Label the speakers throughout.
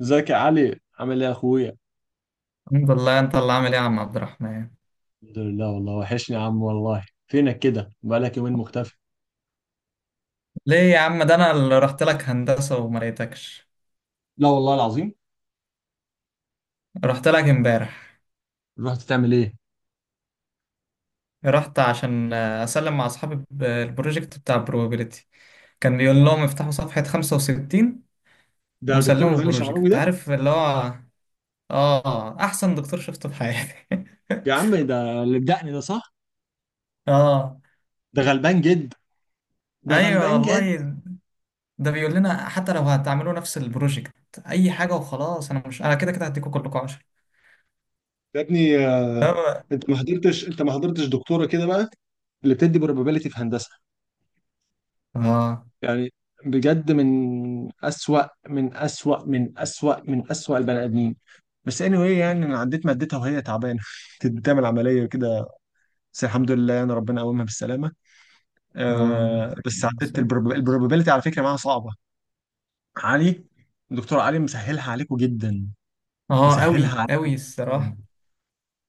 Speaker 1: ازيك يا علي، عامل ايه يا اخويا؟
Speaker 2: الحمد لله، انت اللي عامل ايه يا عم عبد الرحمن؟
Speaker 1: الحمد لله، والله وحشني يا عم، والله فينك كده، بقالك يومين مختفي.
Speaker 2: ليه يا عم؟ ده انا اللي رحت لك هندسة وما لقيتكش.
Speaker 1: لا والله العظيم.
Speaker 2: رحت لك امبارح.
Speaker 1: رحت تعمل ايه؟
Speaker 2: رحت عشان اسلم مع اصحابي البروجكت بتاع probability. كان بيقول لهم افتحوا صفحة 65
Speaker 1: ده دكتور
Speaker 2: وسلموا
Speaker 1: غالي شعراوي
Speaker 2: البروجكت،
Speaker 1: ده؟
Speaker 2: عارف اللي هو. اه، احسن دكتور شفته في حياتي.
Speaker 1: يا عم ده اللي بدقني ده صح.
Speaker 2: اه.
Speaker 1: ده غلبان جد، ده
Speaker 2: ايوه
Speaker 1: غلبان جد.
Speaker 2: والله، ده بيقول لنا حتى لو هتعملوا نفس البروجكت اي حاجة وخلاص، انا مش، انا كده كده هديكوا كلكم 10.
Speaker 1: يا ابني،
Speaker 2: اه.
Speaker 1: انت ما حضرتش دكتوره كده بقى، اللي بتدي probability في هندسه،
Speaker 2: اه.
Speaker 1: يعني بجد من أسوأ من أسوأ من أسوأ من أسوأ البني آدمين. بس anyway يعني أنا عديت مادتها وهي تعبانة كانت بتعمل عملية كده، بس الحمد لله يعني ربنا قومها بالسلامه.
Speaker 2: اه.
Speaker 1: آه بس عدت البروبابيلتي على فكره، معاها صعبه. علي، الدكتور علي مسهلها عليكم جدا.
Speaker 2: اه
Speaker 1: مسهلها
Speaker 2: قوي
Speaker 1: عليكم
Speaker 2: قوي
Speaker 1: جدا.
Speaker 2: الصراحه.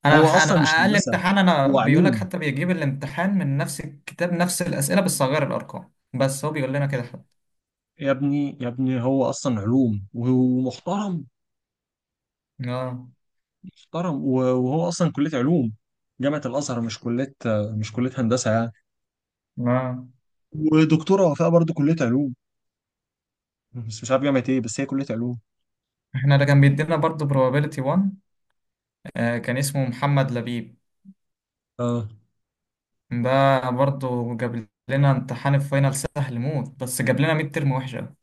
Speaker 2: انا
Speaker 1: هو
Speaker 2: انا
Speaker 1: اصلا مش
Speaker 2: اقل
Speaker 1: هندسه،
Speaker 2: امتحان، انا
Speaker 1: هو
Speaker 2: بيقول لك
Speaker 1: علوم.
Speaker 2: حتى بيجيب الامتحان من نفس الكتاب، نفس الاسئله، بس صغير الارقام، بس هو بيقول لنا كده حتى.
Speaker 1: يا ابني يا ابني هو اصلا علوم ومحترم.
Speaker 2: اه.
Speaker 1: محترم، وهو اصلا كليه علوم، جامعه الازهر، مش كليه، مش كليه هندسه يعني.
Speaker 2: اه.
Speaker 1: ودكتوره وفاء برضه كليه علوم، بس مش عارف جامعه ايه، بس هي كليه علوم.
Speaker 2: احنا ده كان بيدينا برضو probability 1. آه، كان اسمه محمد لبيب.
Speaker 1: اه.
Speaker 2: ده برضو جاب لنا امتحان الفاينل سهل موت، بس جاب لنا ميد ترم وحشه.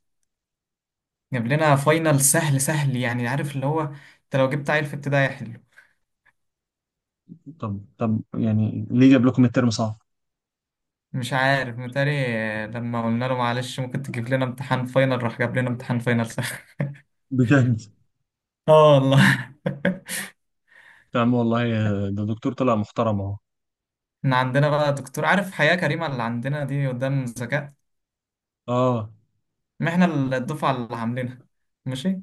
Speaker 2: جاب لنا فاينل سهل سهل يعني، عارف اللي هو، انت لو جبت عيل في ابتدائي حلو.
Speaker 1: طب طب يعني ليه جاب لكم الترم صعب؟
Speaker 2: مش عارف، متهيألي لما قلنا له معلش ممكن تجيب لنا امتحان فاينل، راح جاب لنا امتحان فاينل سهل.
Speaker 1: بجد؟
Speaker 2: اه والله.
Speaker 1: يا عم والله ده دكتور طلع محترم اهو.
Speaker 2: احنا عندنا بقى دكتور، عارف حياة كريمة اللي عندنا دي؟ قدام ذكاء.
Speaker 1: اه.
Speaker 2: ما احنا الدفعة اللي عاملينها. ماشي.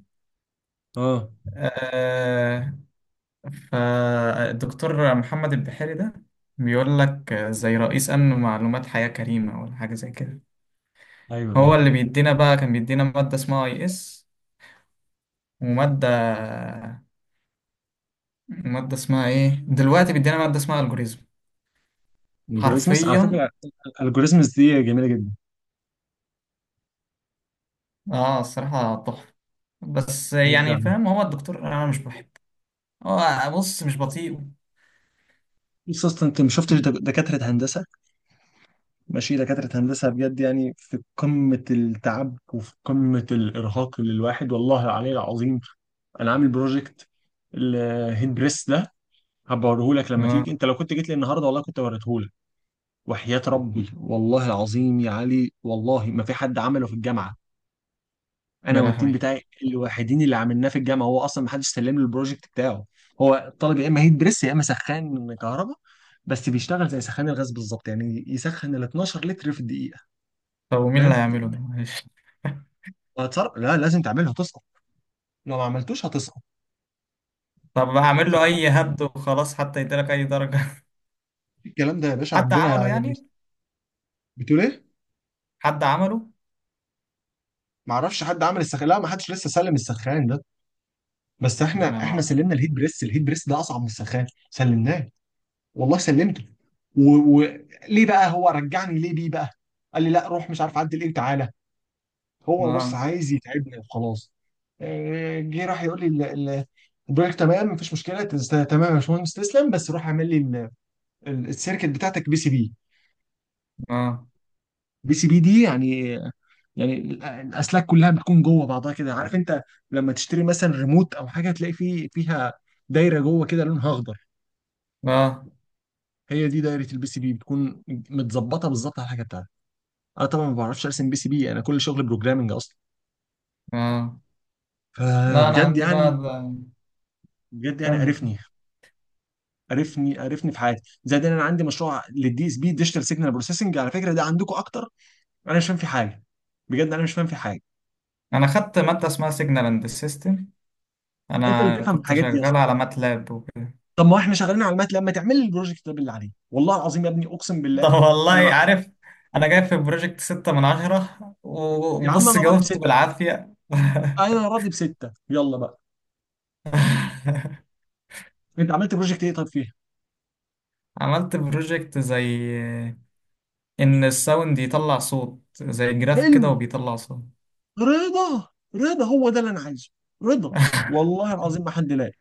Speaker 1: اه.
Speaker 2: آه، فالدكتور محمد البحيري ده بيقول لك زي رئيس أمن معلومات حياة كريمة ولا حاجة زي كده.
Speaker 1: ايوه ايوه.
Speaker 2: هو اللي بيدينا بقى، كان بيدينا مادة اسمها اي اس، ومادة، مادة اسمها ايه دلوقتي، بيدينا مادة اسمها algorithm.
Speaker 1: الجوريزمس على
Speaker 2: حرفيا.
Speaker 1: فكره، الجوريزمس دي جميله جدا.
Speaker 2: اه الصراحة تحفة، بس
Speaker 1: نرجع
Speaker 2: يعني
Speaker 1: لها.
Speaker 2: فاهم، هو الدكتور انا مش بحبه. هو، بص، مش بطيء.
Speaker 1: بص اصلا انت ما شفتش دكاتره هندسه. ماشي، دكاتره هندسه بجد يعني في قمه التعب وفي قمه الارهاق للواحد، والله العلي العظيم. انا عامل بروجكت، الهيد بريس ده هبوريه لك لما تيجي.
Speaker 2: اه.
Speaker 1: انت لو كنت جيت لي النهارده والله كنت وريته لك. وحياه ربي والله العظيم يا علي، والله ما في حد عمله في الجامعه. انا
Speaker 2: يا
Speaker 1: والتيم
Speaker 2: لهوي.
Speaker 1: بتاعي الوحيدين اللي عملناه في الجامعه، هو اصلا ما حدش سلم له البروجكت بتاعه. هو الطالب يا اما هيت بريس يا اما سخان كهرباء، بس بيشتغل زي سخان الغاز بالظبط يعني يسخن ال 12 لتر في الدقيقه.
Speaker 2: طب ومين اللي
Speaker 1: فاهم؟
Speaker 2: هيعمله ده معلش.
Speaker 1: وهتصرف، لا لازم تعملها، هتسقط. لو ما عملتوش هتسقط.
Speaker 2: طب هعمل له اي هبد وخلاص، حتى يديلك اي درجة.
Speaker 1: فالكلام ده يا باشا
Speaker 2: حد عمله
Speaker 1: عندنا يعني.
Speaker 2: يعني؟
Speaker 1: بتقول ايه؟
Speaker 2: حد عمله.
Speaker 1: ما اعرفش حد عمل السخان، لا ما حدش لسه سلم السخان ده. بس
Speaker 2: يا
Speaker 1: احنا
Speaker 2: نهار.
Speaker 1: سلمنا الهيت بريس. الهيت بريس ده اصعب من السخان، سلمناه. والله سلمته. وليه بقى هو رجعني ليه بيه بقى؟ قال لي لا روح مش عارف عدل ايه وتعالى. هو بص
Speaker 2: اه.
Speaker 1: عايز يتعبني وخلاص. جه راح يقول لي ال- البروجكت تمام مفيش مشكله، تمام يا باشمهندس تسلم، بس روح اعمل لي السيركت بتاعتك بي سي بي.
Speaker 2: اه.
Speaker 1: بي سي بي دي يعني، يعني الاسلاك كلها بتكون جوه بعضها كده، عارف انت لما تشتري مثلا ريموت او حاجه تلاقي فيه فيها دايره جوه كده لونها اخضر.
Speaker 2: اه.
Speaker 1: هي دي دايره البي سي بي، بتكون متظبطه بالظبط على الحاجه بتاعتك. انا طبعا ما بعرفش ارسم بي سي بي، انا كل شغل بروجرامنج اصلا.
Speaker 2: اه. لا انا
Speaker 1: فبجد
Speaker 2: عندي
Speaker 1: يعني،
Speaker 2: بقى ال-
Speaker 1: بجد يعني
Speaker 2: كمل كمل.
Speaker 1: قرفني، قرفني قرفني في حياتي، زائد ان انا عندي مشروع للدي اس بي، ديجيتال سيجنال بروسيسنج، على فكره ده عندكم اكتر. انا مش فاهم في حاجه، بجد انا مش فاهم في حاجه.
Speaker 2: انا خدت مادة اسمها سيجنال اند سيستم،
Speaker 1: انت اللي
Speaker 2: انا
Speaker 1: تفهم في
Speaker 2: كنت
Speaker 1: الحاجات دي
Speaker 2: شغال
Speaker 1: اصلا.
Speaker 2: على ماتلاب.
Speaker 1: طب ما احنا شغالين على المات، لما تعمل لي البروجكت ده باللي عليه والله العظيم يا ابني اقسم بالله.
Speaker 2: طب، والله
Speaker 1: انا مع...
Speaker 2: عارف، انا جاي في بروجكت ستة من عشرة،
Speaker 1: يا عم
Speaker 2: وبص
Speaker 1: انا راضي
Speaker 2: جاوبت
Speaker 1: بسته،
Speaker 2: بالعافية.
Speaker 1: انا راضي بسته، يلا بقى. انت عملت بروجكت ايه طب فيها؟
Speaker 2: عملت بروجكت زي ان الساوند يطلع صوت زي جراف
Speaker 1: حلو.
Speaker 2: كده، وبيطلع صوت.
Speaker 1: رضا. رضا هو ده اللي انا عايزه. رضا. والله العظيم ما حد لاقي،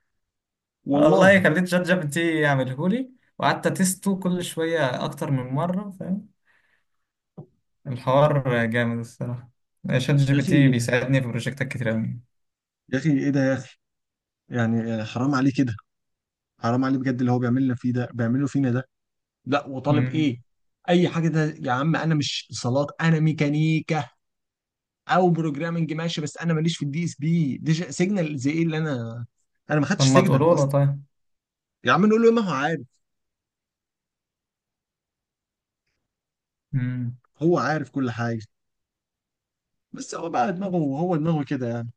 Speaker 2: والله
Speaker 1: والله.
Speaker 2: خليت شات جي بي تي يعمله لي، وقعدت اتسته كل شوية اكتر من مرة فاهم؟ الحوار جامد الصراحة، شات جي
Speaker 1: يا
Speaker 2: بي تي
Speaker 1: اخي،
Speaker 2: بيساعدني في بروجكتات كتير قوي.
Speaker 1: يا اخي ايه ده يا اخي؟ يعني حرام عليه كده. حرام عليه بجد اللي هو بيعمل لنا فيه ده، بيعمله فينا ده. لا وطالب ايه؟ اي حاجه ده! يا عم انا مش اتصالات انا ميكانيكا، او بروجرامنج ماشي، بس انا ماليش في الدي اس بي دي سيجنال، زي ايه اللي انا، انا ما
Speaker 2: طب
Speaker 1: خدتش
Speaker 2: ما
Speaker 1: سيجنال
Speaker 2: تقولوا له؟
Speaker 1: اصلا.
Speaker 2: طيب.
Speaker 1: يا عم نقول له، ما هو عارف.
Speaker 2: مم.
Speaker 1: هو عارف كل حاجه، بس هو بقى دماغه، هو دماغه كده يعني.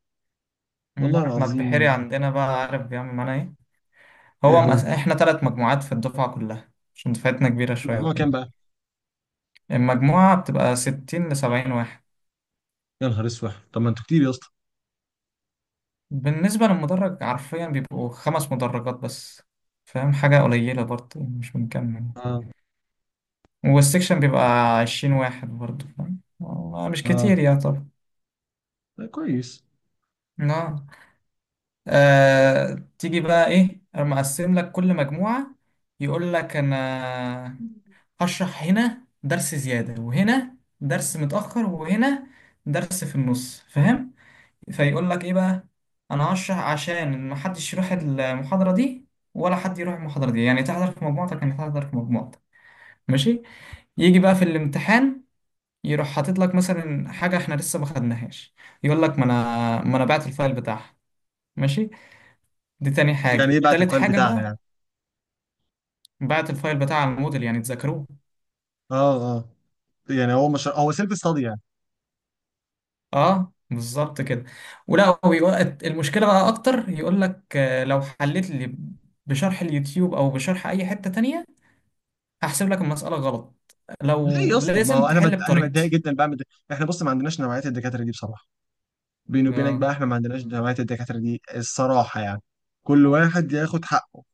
Speaker 1: والله
Speaker 2: احنا البحيري
Speaker 1: العظيم.
Speaker 2: عندنا بقى عارف بيعمل معانا ايه؟
Speaker 1: ايه هو
Speaker 2: احنا ثلاث مجموعات في الدفعة كلها، عشان دفعتنا كبيرة شوية
Speaker 1: الموضوع كان
Speaker 2: وكده.
Speaker 1: بقى؟
Speaker 2: المجموعة بتبقى 60 لـ 70 واحد.
Speaker 1: يا نهار اسود، طب ما انتوا كتير يا اسطى.
Speaker 2: بالنسبة للمدرج، حرفيا بيبقوا خمس مدرجات بس، فاهم؟ حاجة قليلة برضه، يعني مش بنكمل.
Speaker 1: اه.
Speaker 2: والسكشن بيبقى 20 واحد برضه، فاهم؟ والله مش
Speaker 1: اه.
Speaker 2: كتير يا طب.
Speaker 1: ده كويس.
Speaker 2: اه. تيجي بقى ايه، أنا مقسم لك كل مجموعة. يقول لك انا هشرح هنا درس زيادة، وهنا درس متأخر، وهنا درس في النص، فاهم؟ فيقول لك إيه بقى؟ أنا هشرح، عشان محدش يروح المحاضرة دي ولا حد يروح المحاضرة دي، يعني تحضر في مجموعتك، يعني تحضر في مجموعتك. ماشي. يجي بقى في الامتحان، يروح حاطط لك مثلا حاجة احنا لسه ما خدناهاش. يقول لك، ما انا بعت الفايل بتاعها. ماشي. دي تاني
Speaker 1: يعني ايه
Speaker 2: حاجة.
Speaker 1: بعت
Speaker 2: تالت
Speaker 1: الفايل
Speaker 2: حاجة
Speaker 1: بتاعها
Speaker 2: بقى،
Speaker 1: يعني؟
Speaker 2: بعت الفايل بتاع الموديل يعني تذاكروه.
Speaker 1: اه اه. يعني هو مش هو سيلف ستادي يعني.
Speaker 2: اه بالظبط كده. ولا هو يقول- المشكله بقى اكتر، يقول لك لو حليت لي بشرح اليوتيوب او بشرح اي حته تانية، هحسب لك المساله غلط،
Speaker 1: ليه يا
Speaker 2: لو
Speaker 1: اسطى؟ ما هو
Speaker 2: لازم
Speaker 1: انا
Speaker 2: تحل
Speaker 1: انا بتضايق
Speaker 2: بطريقتي.
Speaker 1: جدا بعمل ده. احنا بص ما عندناش نوعيه الدكاتره دي بصراحه، بيني وبينك
Speaker 2: اه.
Speaker 1: بقى احنا ما عندناش نوعيه الدكاتره دي الصراحه يعني. كل واحد ياخد حقه.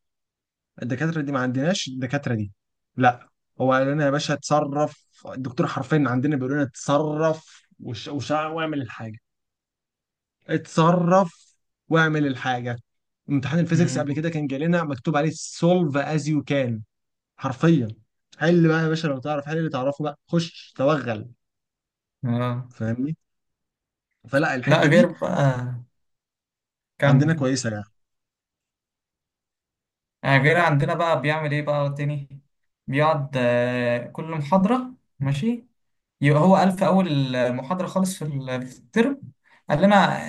Speaker 1: الدكاتره دي ما عندناش الدكاتره دي. لا، هو قال لنا يا باشا اتصرف. الدكتور حرفيا عندنا بيقول لنا اتصرف، وشع واعمل الحاجه. اتصرف واعمل الحاجه. امتحان الفيزيكس قبل
Speaker 2: مم.
Speaker 1: كده كان جالنا مكتوب عليه سولف از يو كان، حرفيا. حل بقى يا باشا، لو تعرف حل اللي تعرفه بقى خش توغل،
Speaker 2: اه.
Speaker 1: فاهمني؟ فلا
Speaker 2: لا
Speaker 1: الحته
Speaker 2: غير
Speaker 1: دي
Speaker 2: بقى،
Speaker 1: عندنا
Speaker 2: كمل.
Speaker 1: كويسه يعني.
Speaker 2: آه، غير عندنا بقى بيعمل ايه بقى تاني، بيقعد كل محاضره. ماشي. يبقى هو قال في أول المحاضرة خالص، في في الترم، قال لنا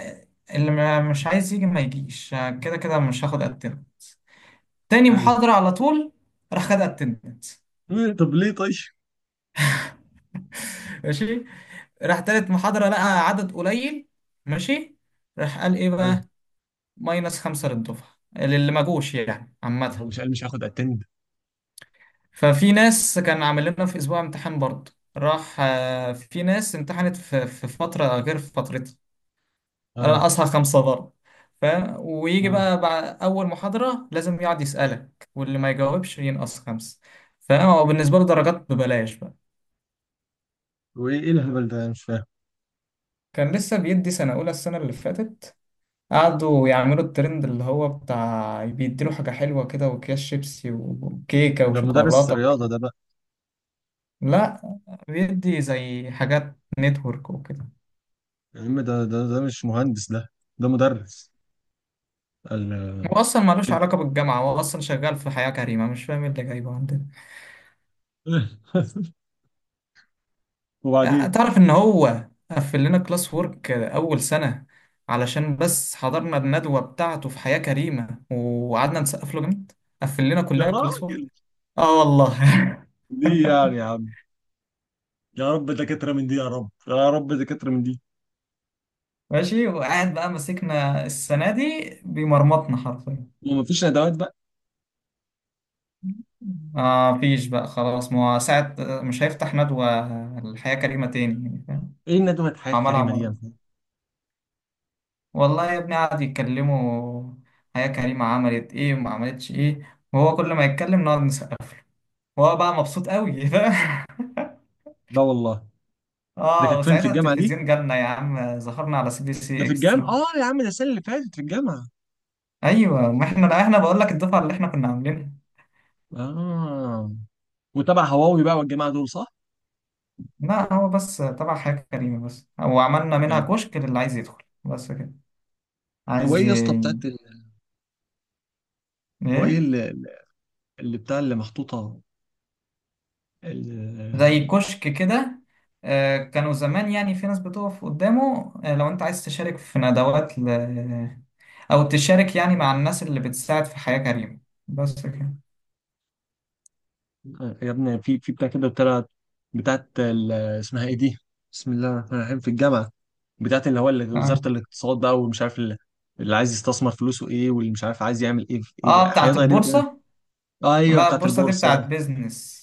Speaker 2: اللي ما- مش عايز يجي ما يجيش، كده كده مش هاخد اتندنس. تاني
Speaker 1: حلو.
Speaker 2: محاضرة على طول، راح خد اتندنس.
Speaker 1: طب ليه طيب؟
Speaker 2: ماشي. راح تالت محاضرة لقى عدد قليل، ماشي، راح قال ايه
Speaker 1: حلو.
Speaker 2: بقى، ماينس خمسة للدفعة اللي ما جوش، يعني
Speaker 1: هو
Speaker 2: عامة.
Speaker 1: مش قال مش هاخد اتند؟
Speaker 2: ففي ناس، كان عامل لنا في أسبوع امتحان برضه، راح في ناس امتحنت في فترة غير فترتها، انا
Speaker 1: اه.
Speaker 2: اصحى خمسة ضرب، فاهم؟ ويجي
Speaker 1: اه.
Speaker 2: بقى بعد اول محاضرة لازم يقعد يسألك، واللي ما يجاوبش ينقص خمسة، فاهم؟ هو بالنسبة له درجات ببلاش بقى.
Speaker 1: وايه ايه الهبل ده؟ أنا مش فاهم.
Speaker 2: كان لسه بيدي سنة أولى السنة اللي فاتت، قعدوا يعملوا الترند اللي هو بتاع بيديله حاجة حلوة كده، وأكياس شيبسي وكيكة
Speaker 1: ده مدرس
Speaker 2: وشوكولاتة.
Speaker 1: رياضه ده بقى؟
Speaker 2: لا، بيدي زي حاجات نتورك وكده.
Speaker 1: يا عم ده مش مهندس ده، ده مدرس ال
Speaker 2: هو أصلا ملوش علاقة بالجامعة، هو أصلا شغال في حياة كريمة، مش فاهم إيه اللي جايبه عندنا.
Speaker 1: وبعدين؟
Speaker 2: تعرف ان هو قفل لنا كلاس وورك اول سنة علشان بس حضرنا الندوة بتاعته في حياة كريمة، وقعدنا نسقف له جامد، قفل لنا
Speaker 1: يا
Speaker 2: كلنا كلاس وورك.
Speaker 1: راجل،
Speaker 2: اه والله.
Speaker 1: ليه يعني يا عم؟ يا رب دكاتره من دي، يا رب يا رب دكاتره من دي.
Speaker 2: ماشي، وقاعد بقى ماسكنا السنة دي، بيمرمطنا حرفيا.
Speaker 1: ومفيش ندوات بقى؟
Speaker 2: آه مفيش بقى خلاص، ما هو ساعة مش هيفتح ندوة الحياة كريمة تاني، يعني فاهم.
Speaker 1: ايه الندوه الحياه
Speaker 2: عملها
Speaker 1: الكريمه دي
Speaker 2: مرة،
Speaker 1: يعني؟
Speaker 2: والله يا ابني قعد يتكلموا حياة كريمة عملت ايه وما عملتش ايه، وهو كل ما يتكلم نقعد، وهو بقى مبسوط قوي. فاهم.
Speaker 1: لا والله. ده
Speaker 2: اه،
Speaker 1: كانت فين، في
Speaker 2: وساعتها
Speaker 1: الجامعة دي؟
Speaker 2: التلفزيون جالنا يا عم، ظهرنا على سي بي
Speaker 1: ده
Speaker 2: سي
Speaker 1: في الجامعة؟
Speaker 2: اكسترا.
Speaker 1: اه يا عم، ده السنة اللي فاتت في الجامعة.
Speaker 2: ايوه، ما احنا، لا احنا بقول لك الدفعه اللي احنا كنا عاملينها.
Speaker 1: اه. وتبع هواوي بقى والجماعة دول، صح؟
Speaker 2: لا، هو بس تبع حياة كريمه بس، وعملنا منها
Speaker 1: يعني،
Speaker 2: كشك للي عايز يدخل، بس كده.
Speaker 1: هو
Speaker 2: عايز
Speaker 1: ايه يا اسطى
Speaker 2: ي...
Speaker 1: بتاعت ال...؟ هو ايه
Speaker 2: ايه،
Speaker 1: اللي، اللي بتاع اللي محطوطة، ال...
Speaker 2: زي كشك كده. كانوا زمان يعني، في ناس بتقف قدامه، لو انت عايز تشارك في ندوات او تشارك يعني مع الناس اللي بتساعد في حياة كريمة، بس كده.
Speaker 1: يا ابني في بتاع كده، بتاعت، بتاعت ال... اسمها ايه دي؟ بسم الله الرحمن الرحيم. في الجامعة بتاعت اللي هو اللي وزارة
Speaker 2: اه.
Speaker 1: الاقتصاد بقى والمش عارف، اللي اللي عايز يستثمر فلوسه ايه، واللي مش عارف عايز يعمل ايه في ايه،
Speaker 2: آه،
Speaker 1: حاجات
Speaker 2: بتاعت
Speaker 1: غريبة كده.
Speaker 2: البورصة.
Speaker 1: ايوه،
Speaker 2: لا
Speaker 1: بتاعت
Speaker 2: البورصة دي
Speaker 1: البورصة.
Speaker 2: بتاعت بيزنس.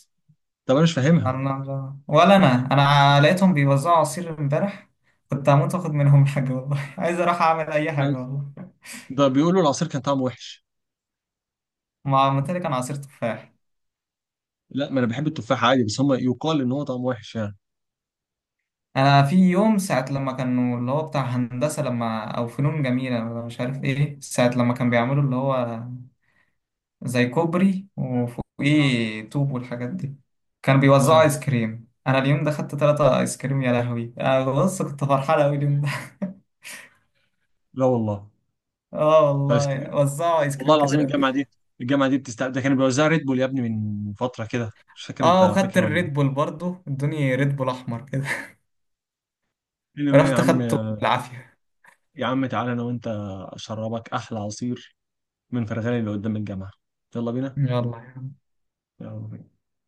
Speaker 1: طب انا مش فاهمها.
Speaker 2: أنا- ولا أنا أنا لقيتهم بيوزعوا عصير امبارح، كنت هموت وآخد منهم حاجة والله. عايز أروح أعمل أي حاجة والله.
Speaker 1: ده بيقولوا العصير كان طعمه وحش.
Speaker 2: ما عملت لي كان عصير تفاح.
Speaker 1: لا ما انا بحب التفاح عادي، بس هم يقال ان هو طعمه وحش يعني.
Speaker 2: أنا في يوم ساعة لما كانوا اللي هو بتاع هندسة لما أو فنون جميلة ولا مش عارف إيه، ساعة لما كان بيعملوا اللي هو زي كوبري
Speaker 1: اه.
Speaker 2: وفوقيه طوب والحاجات دي، كانوا بيوزعوا
Speaker 1: اه.
Speaker 2: آيس كريم، أنا اليوم ده خدت تلاتة آيس كريم يا لهوي، أنا بص كنت فرحان أوي اليوم ده.
Speaker 1: لا والله.
Speaker 2: اه
Speaker 1: ايس
Speaker 2: والله
Speaker 1: كريم؟
Speaker 2: وزعوا ايس
Speaker 1: والله
Speaker 2: كريم
Speaker 1: العظيم
Speaker 2: كتير قوي.
Speaker 1: الجامعه دي، الجامعه دي بتستقبل. ده كانوا بيوزعوا ريد بول يا ابني من فتره كده، مش فاكر انت
Speaker 2: اه وخدت
Speaker 1: فاكر ولا
Speaker 2: الريد
Speaker 1: ايه؟
Speaker 2: بول برضو، ادوني ريد بول احمر كده.
Speaker 1: قال لي يا
Speaker 2: رحت
Speaker 1: عم.
Speaker 2: خدته بالعافيه.
Speaker 1: يا عم تعالى انا وانت اشربك احلى عصير من فرغاني اللي قدام الجامعه. يلا بينا.
Speaker 2: يلا.
Speaker 1: يلا بينا.